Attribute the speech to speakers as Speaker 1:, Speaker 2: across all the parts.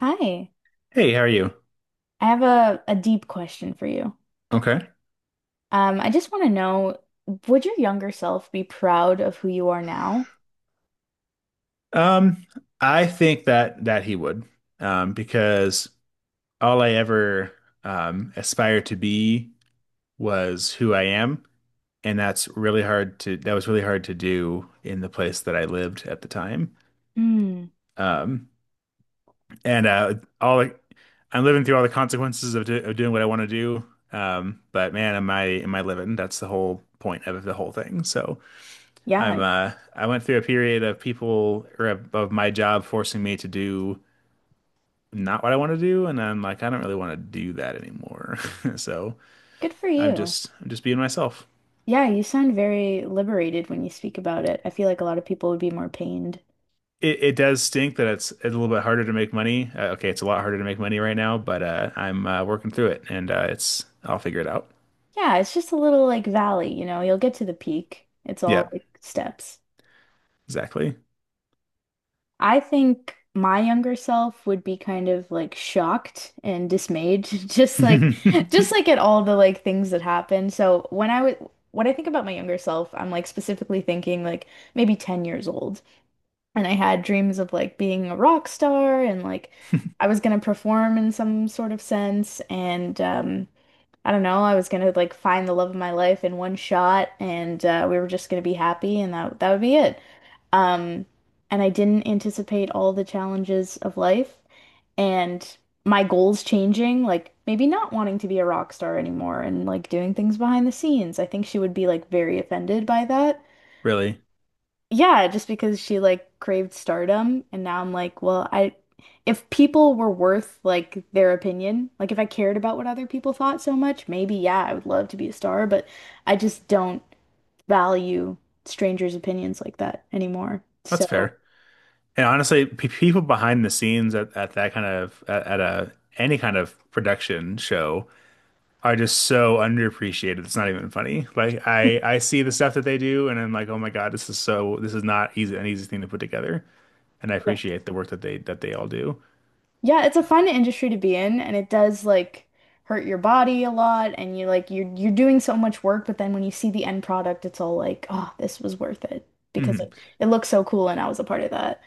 Speaker 1: Hi,
Speaker 2: Hey, how are you?
Speaker 1: I have a deep question for you.
Speaker 2: Okay.
Speaker 1: I just want to know, would your younger self be proud of who you are now?
Speaker 2: Um, I think that he would, because all I ever aspired to be was who I am, and that was really hard to do in the place that I lived at the time.
Speaker 1: Hmm.
Speaker 2: Um, and all I'm living through all the consequences of doing what I want to do. But man, am I living? That's the whole point of the whole thing. So. I'm
Speaker 1: Yeah,
Speaker 2: I went through a period of people or of my job forcing me to do not what I want to do, and I'm like, I don't really want to do that anymore. So
Speaker 1: good for you.
Speaker 2: I'm just being myself.
Speaker 1: Yeah, you sound very liberated when you speak about it. I feel like a lot of people would be more pained.
Speaker 2: It does stink that it's a little bit harder to make money. Okay, it's a lot harder to make money right now, but I'm working through it, and it's I'll figure it out.
Speaker 1: Yeah, it's just a little like valley, you'll get to the peak. It's
Speaker 2: Yeah,
Speaker 1: all like steps.
Speaker 2: exactly.
Speaker 1: I think my younger self would be kind of like shocked and dismayed, just like at all the like things that happened. So when I think about my younger self, I'm like specifically thinking like maybe 10 years old. And I had dreams of like being a rock star and like I was gonna perform in some sort of sense, and I don't know, I was gonna like find the love of my life in one shot, and we were just gonna be happy and that would be it. Um, and I didn't anticipate all the challenges of life and my goals changing, like maybe not wanting to be a rock star anymore and like doing things behind the scenes. I think she would be like very offended by that,
Speaker 2: Really,
Speaker 1: yeah, just because she like craved stardom, and now I'm like, well, I if people were worth like their opinion, like if I cared about what other people thought so much, maybe yeah, I would love to be a star, but I just don't value strangers' opinions like that anymore.
Speaker 2: that's
Speaker 1: So,
Speaker 2: fair. And honestly, p people behind the scenes at a any kind of production show are just so underappreciated. It's not even funny. Like I see the stuff that they do and I'm like, "Oh my God, this is not easy an easy thing to put together." And I
Speaker 1: yeah.
Speaker 2: appreciate the work that they all do.
Speaker 1: Yeah, it's a fun industry to be in, and it does like hurt your body a lot, and you like you're doing so much work, but then when you see the end product, it's all like, oh, this was worth it, because
Speaker 2: Mhm.
Speaker 1: it, looks so cool, and I was a part of that.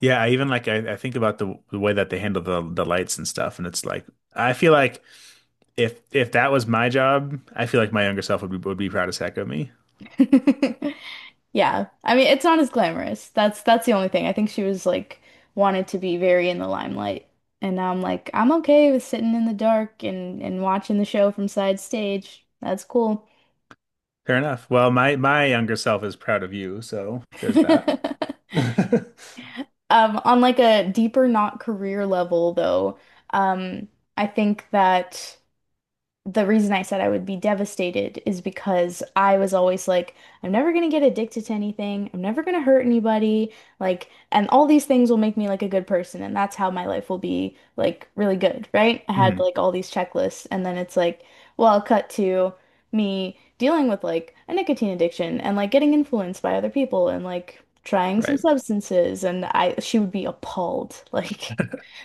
Speaker 2: Yeah, I even like I think about the way that they handle the lights and stuff and it's like I feel like if that was my job, I feel like my younger self would be proud as heck of me.
Speaker 1: Yeah. I mean, it's not as glamorous. That's the only thing. I think she was like wanted to be very in the limelight. And now I'm like, I'm okay with sitting in the dark and watching the show from side stage. That's cool.
Speaker 2: Fair enough. Well, my younger self is proud of you, so there's that.
Speaker 1: On like a deeper, not career level though, um, I think that the reason I said I would be devastated is because I was always like, I'm never gonna get addicted to anything. I'm never gonna hurt anybody. Like, and all these things will make me like a good person, and that's how my life will be like really good, right? I had
Speaker 2: Mhm.
Speaker 1: like all these checklists, and then it's like, well, cut to me dealing with like a nicotine addiction and like getting influenced by other people and like trying some
Speaker 2: Right.
Speaker 1: substances, and I she would be appalled. Like,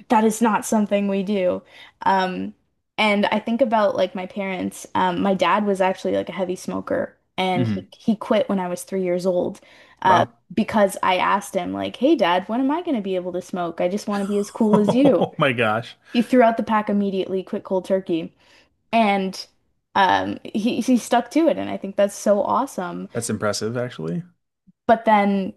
Speaker 1: that is not something we do. Um, and I think about like my parents. My dad was actually like a heavy smoker, and he
Speaker 2: Mhm.
Speaker 1: he quit when I was 3 years old, uh,
Speaker 2: Wow.
Speaker 1: because I asked him like, "Hey, Dad, when am I going to be able to smoke? I just want to be as cool as you."
Speaker 2: Oh my gosh.
Speaker 1: He threw out the pack immediately, quit cold turkey, and he stuck to it, and I think that's so awesome.
Speaker 2: That's impressive, actually.
Speaker 1: But then,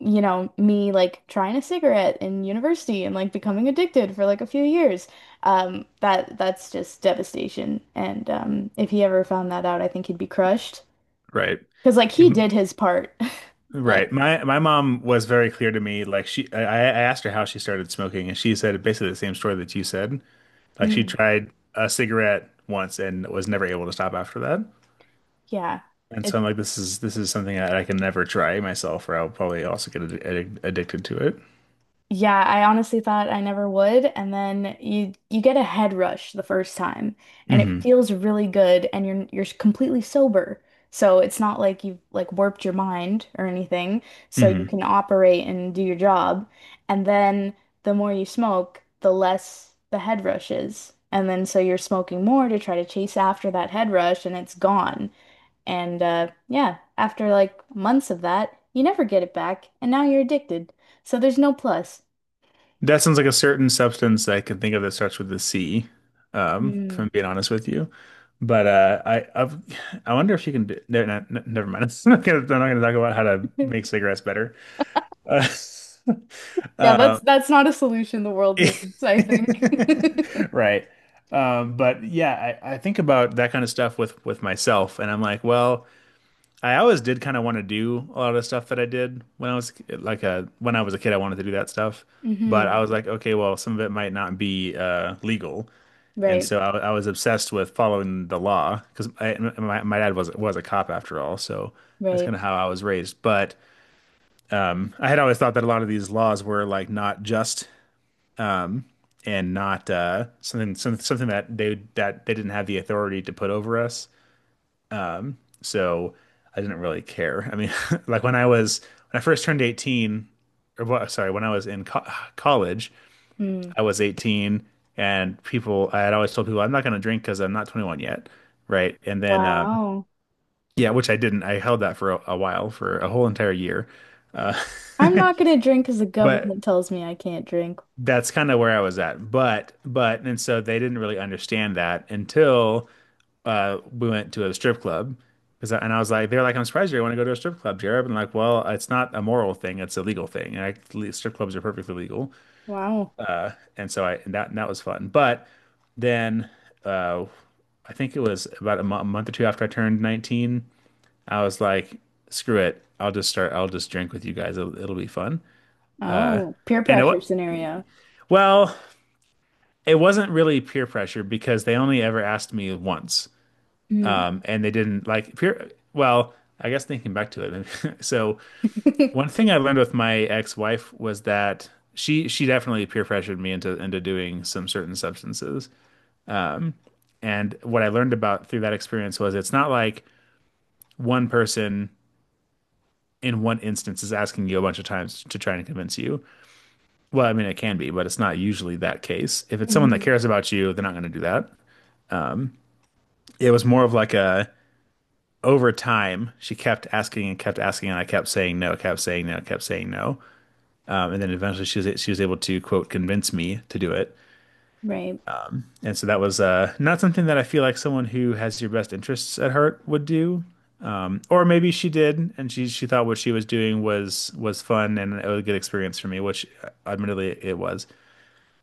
Speaker 1: you know, me like trying a cigarette in university and like becoming addicted for like a few years. That's just devastation. And if he ever found that out, I think he'd be crushed.
Speaker 2: Right.
Speaker 1: Because like he
Speaker 2: Um,
Speaker 1: did his part.
Speaker 2: Right.
Speaker 1: But
Speaker 2: My mom was very clear to me. Like I asked her how she started smoking, and she said basically the same story that you said. Like she
Speaker 1: mm,
Speaker 2: tried a cigarette once and was never able to stop after that.
Speaker 1: yeah.
Speaker 2: And so
Speaker 1: it
Speaker 2: I'm like, this is something that I can never try myself, or I'll probably also get addicted to it.
Speaker 1: Yeah, I honestly thought I never would, and then you get a head rush the first time, and it
Speaker 2: hmm
Speaker 1: feels really good, and you're completely sober, so it's not like you've like warped your mind or anything, so you
Speaker 2: hmm
Speaker 1: can operate and do your job, and then the more you smoke, the less the head rush is, and then so you're smoking more to try to chase after that head rush, and it's gone, and yeah, after like months of that, you never get it back, and now you're addicted, so there's no plus.
Speaker 2: That sounds like a certain substance that I can think of that starts with the C, if
Speaker 1: Mm.
Speaker 2: I'm being honest with you. But I've, I wonder if you can do, no, no, no, never mind. I'm not gonna talk about how to make cigarettes better. Uh,
Speaker 1: Yeah, that's
Speaker 2: um,
Speaker 1: that's not a solution the world needs, I think.
Speaker 2: right. But yeah, I think about that kind of stuff with myself, and I'm like, well. I always did kind of want to do a lot of stuff that I did when I was like a when I was a kid. I wanted to do that stuff, but
Speaker 1: hmm
Speaker 2: I was like, okay, well, some of it might not be legal, and
Speaker 1: Right,
Speaker 2: so I was obsessed with following the law because my dad was a cop after all, so that's
Speaker 1: right.
Speaker 2: kind of how I was raised. But I had always thought that a lot of these laws were like not just and not something that they didn't have the authority to put over us. So I didn't really care. I mean, like when I was, when I first turned 18, when I was in co college,
Speaker 1: Mm.
Speaker 2: I was 18 and I had always told people, I'm not going to drink because I'm not 21 yet. Right. And then,
Speaker 1: Wow.
Speaker 2: yeah, which I didn't. I held that for a while, for a whole entire year. Uh,
Speaker 1: I'm not gonna drink because the
Speaker 2: but
Speaker 1: government tells me I can't drink.
Speaker 2: that's kind of where I was at. And so they didn't really understand that until we went to a strip club because and I was like, they're like, I'm surprised you want to go to a strip club, Jared. And like, well, it's not a moral thing; it's a legal thing. Strip clubs are perfectly legal,
Speaker 1: Wow.
Speaker 2: and so I and that was fun. But then uh, I think it was about a a month or two after I turned 19, I was like, screw it, I'll just drink with you guys. It'll be fun.
Speaker 1: Oh, peer
Speaker 2: And it
Speaker 1: pressure scenario.
Speaker 2: well, it wasn't really peer pressure because they only ever asked me once,
Speaker 1: Mm.
Speaker 2: and they didn't like peer. Well, I guess thinking back to it, so one thing I learned with my ex-wife was that she definitely peer pressured me into doing some certain substances. And what I learned about through that experience was it's not like one person in one instance is asking you a bunch of times to try and convince you. Well, I mean it can be, but it's not usually that case. If it's someone that
Speaker 1: Mhm.
Speaker 2: cares about you, they're not going to do that. It was more of like a over time, she kept asking, and I kept saying no, kept saying no, kept saying no. And then eventually she was able to quote convince me to do it.
Speaker 1: Right.
Speaker 2: And so that was not something that I feel like someone who has your best interests at heart would do. Or maybe she did, and she thought what she was doing was fun and it was a good experience for me, which admittedly it was.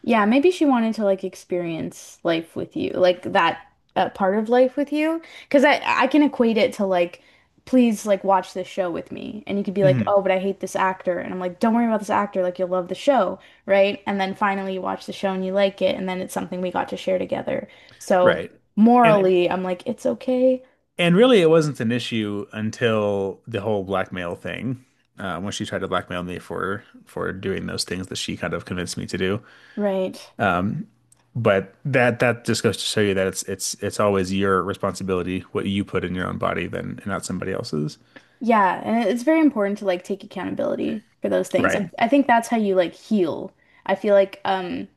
Speaker 1: Yeah, maybe she wanted to like experience life with you, like that part of life with you. Because I can equate it to like, please like watch this show with me, and you could be like,
Speaker 2: hmm
Speaker 1: oh, but I hate this actor, and I'm like, don't worry about this actor, like you'll love the show, right? And then finally you watch the show and you like it, and then it's something we got to share together. So
Speaker 2: Right.
Speaker 1: yeah.
Speaker 2: And
Speaker 1: Morally, I'm like, it's okay,
Speaker 2: and really it wasn't an issue until the whole blackmail thing, when she tried to blackmail me for doing those things that she kind of convinced me to do.
Speaker 1: right?
Speaker 2: But that just goes to show you that it's always your responsibility what you put in your own body than and not somebody else's.
Speaker 1: Yeah, and it's very important to like take accountability for those things.
Speaker 2: Right.
Speaker 1: I think that's how you like heal. I feel like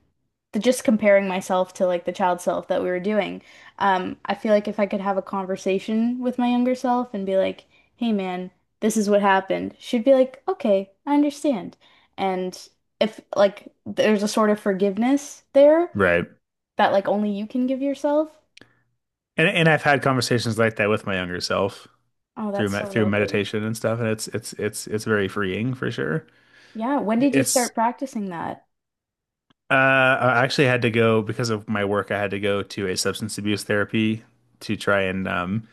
Speaker 1: the just comparing myself to like the child self that we were doing. I feel like if I could have a conversation with my younger self and be like, "Hey man, this is what happened." She'd be like, "Okay, I understand." And if like there's a sort of forgiveness there
Speaker 2: Right.
Speaker 1: that like only you can give yourself.
Speaker 2: And I've had conversations like that with my younger self
Speaker 1: Oh, that's so
Speaker 2: through
Speaker 1: lovely.
Speaker 2: meditation and stuff, and it's very freeing for sure.
Speaker 1: Yeah, when did you
Speaker 2: It's
Speaker 1: start practicing that?
Speaker 2: I actually had to go because of my work, I had to go to a substance abuse therapy to try and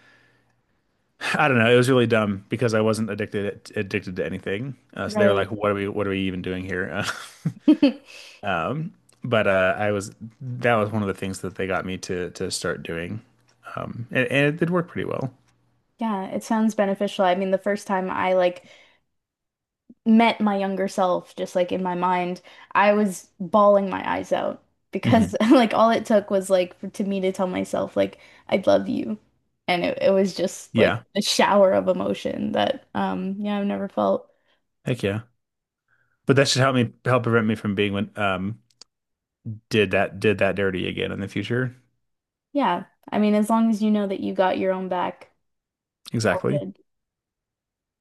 Speaker 2: I don't know, it was really dumb because I wasn't addicted to anything. So they were like,
Speaker 1: Right.
Speaker 2: what are we even doing here? um but I was that was one of the things that they got me to start doing. And it did work pretty well.
Speaker 1: Yeah, it sounds beneficial. I mean, the first time I like met my younger self, just like in my mind, I was bawling my eyes out because
Speaker 2: hmm
Speaker 1: like all it took was like to me to tell myself like I love you. And it was just like
Speaker 2: Yeah.
Speaker 1: a shower of emotion that yeah, I've never felt.
Speaker 2: Heck yeah. But that should help me help prevent me from being when did that dirty again in the future.
Speaker 1: Yeah. I mean, as long as you know that you got your own back, it's all
Speaker 2: Exactly.
Speaker 1: good.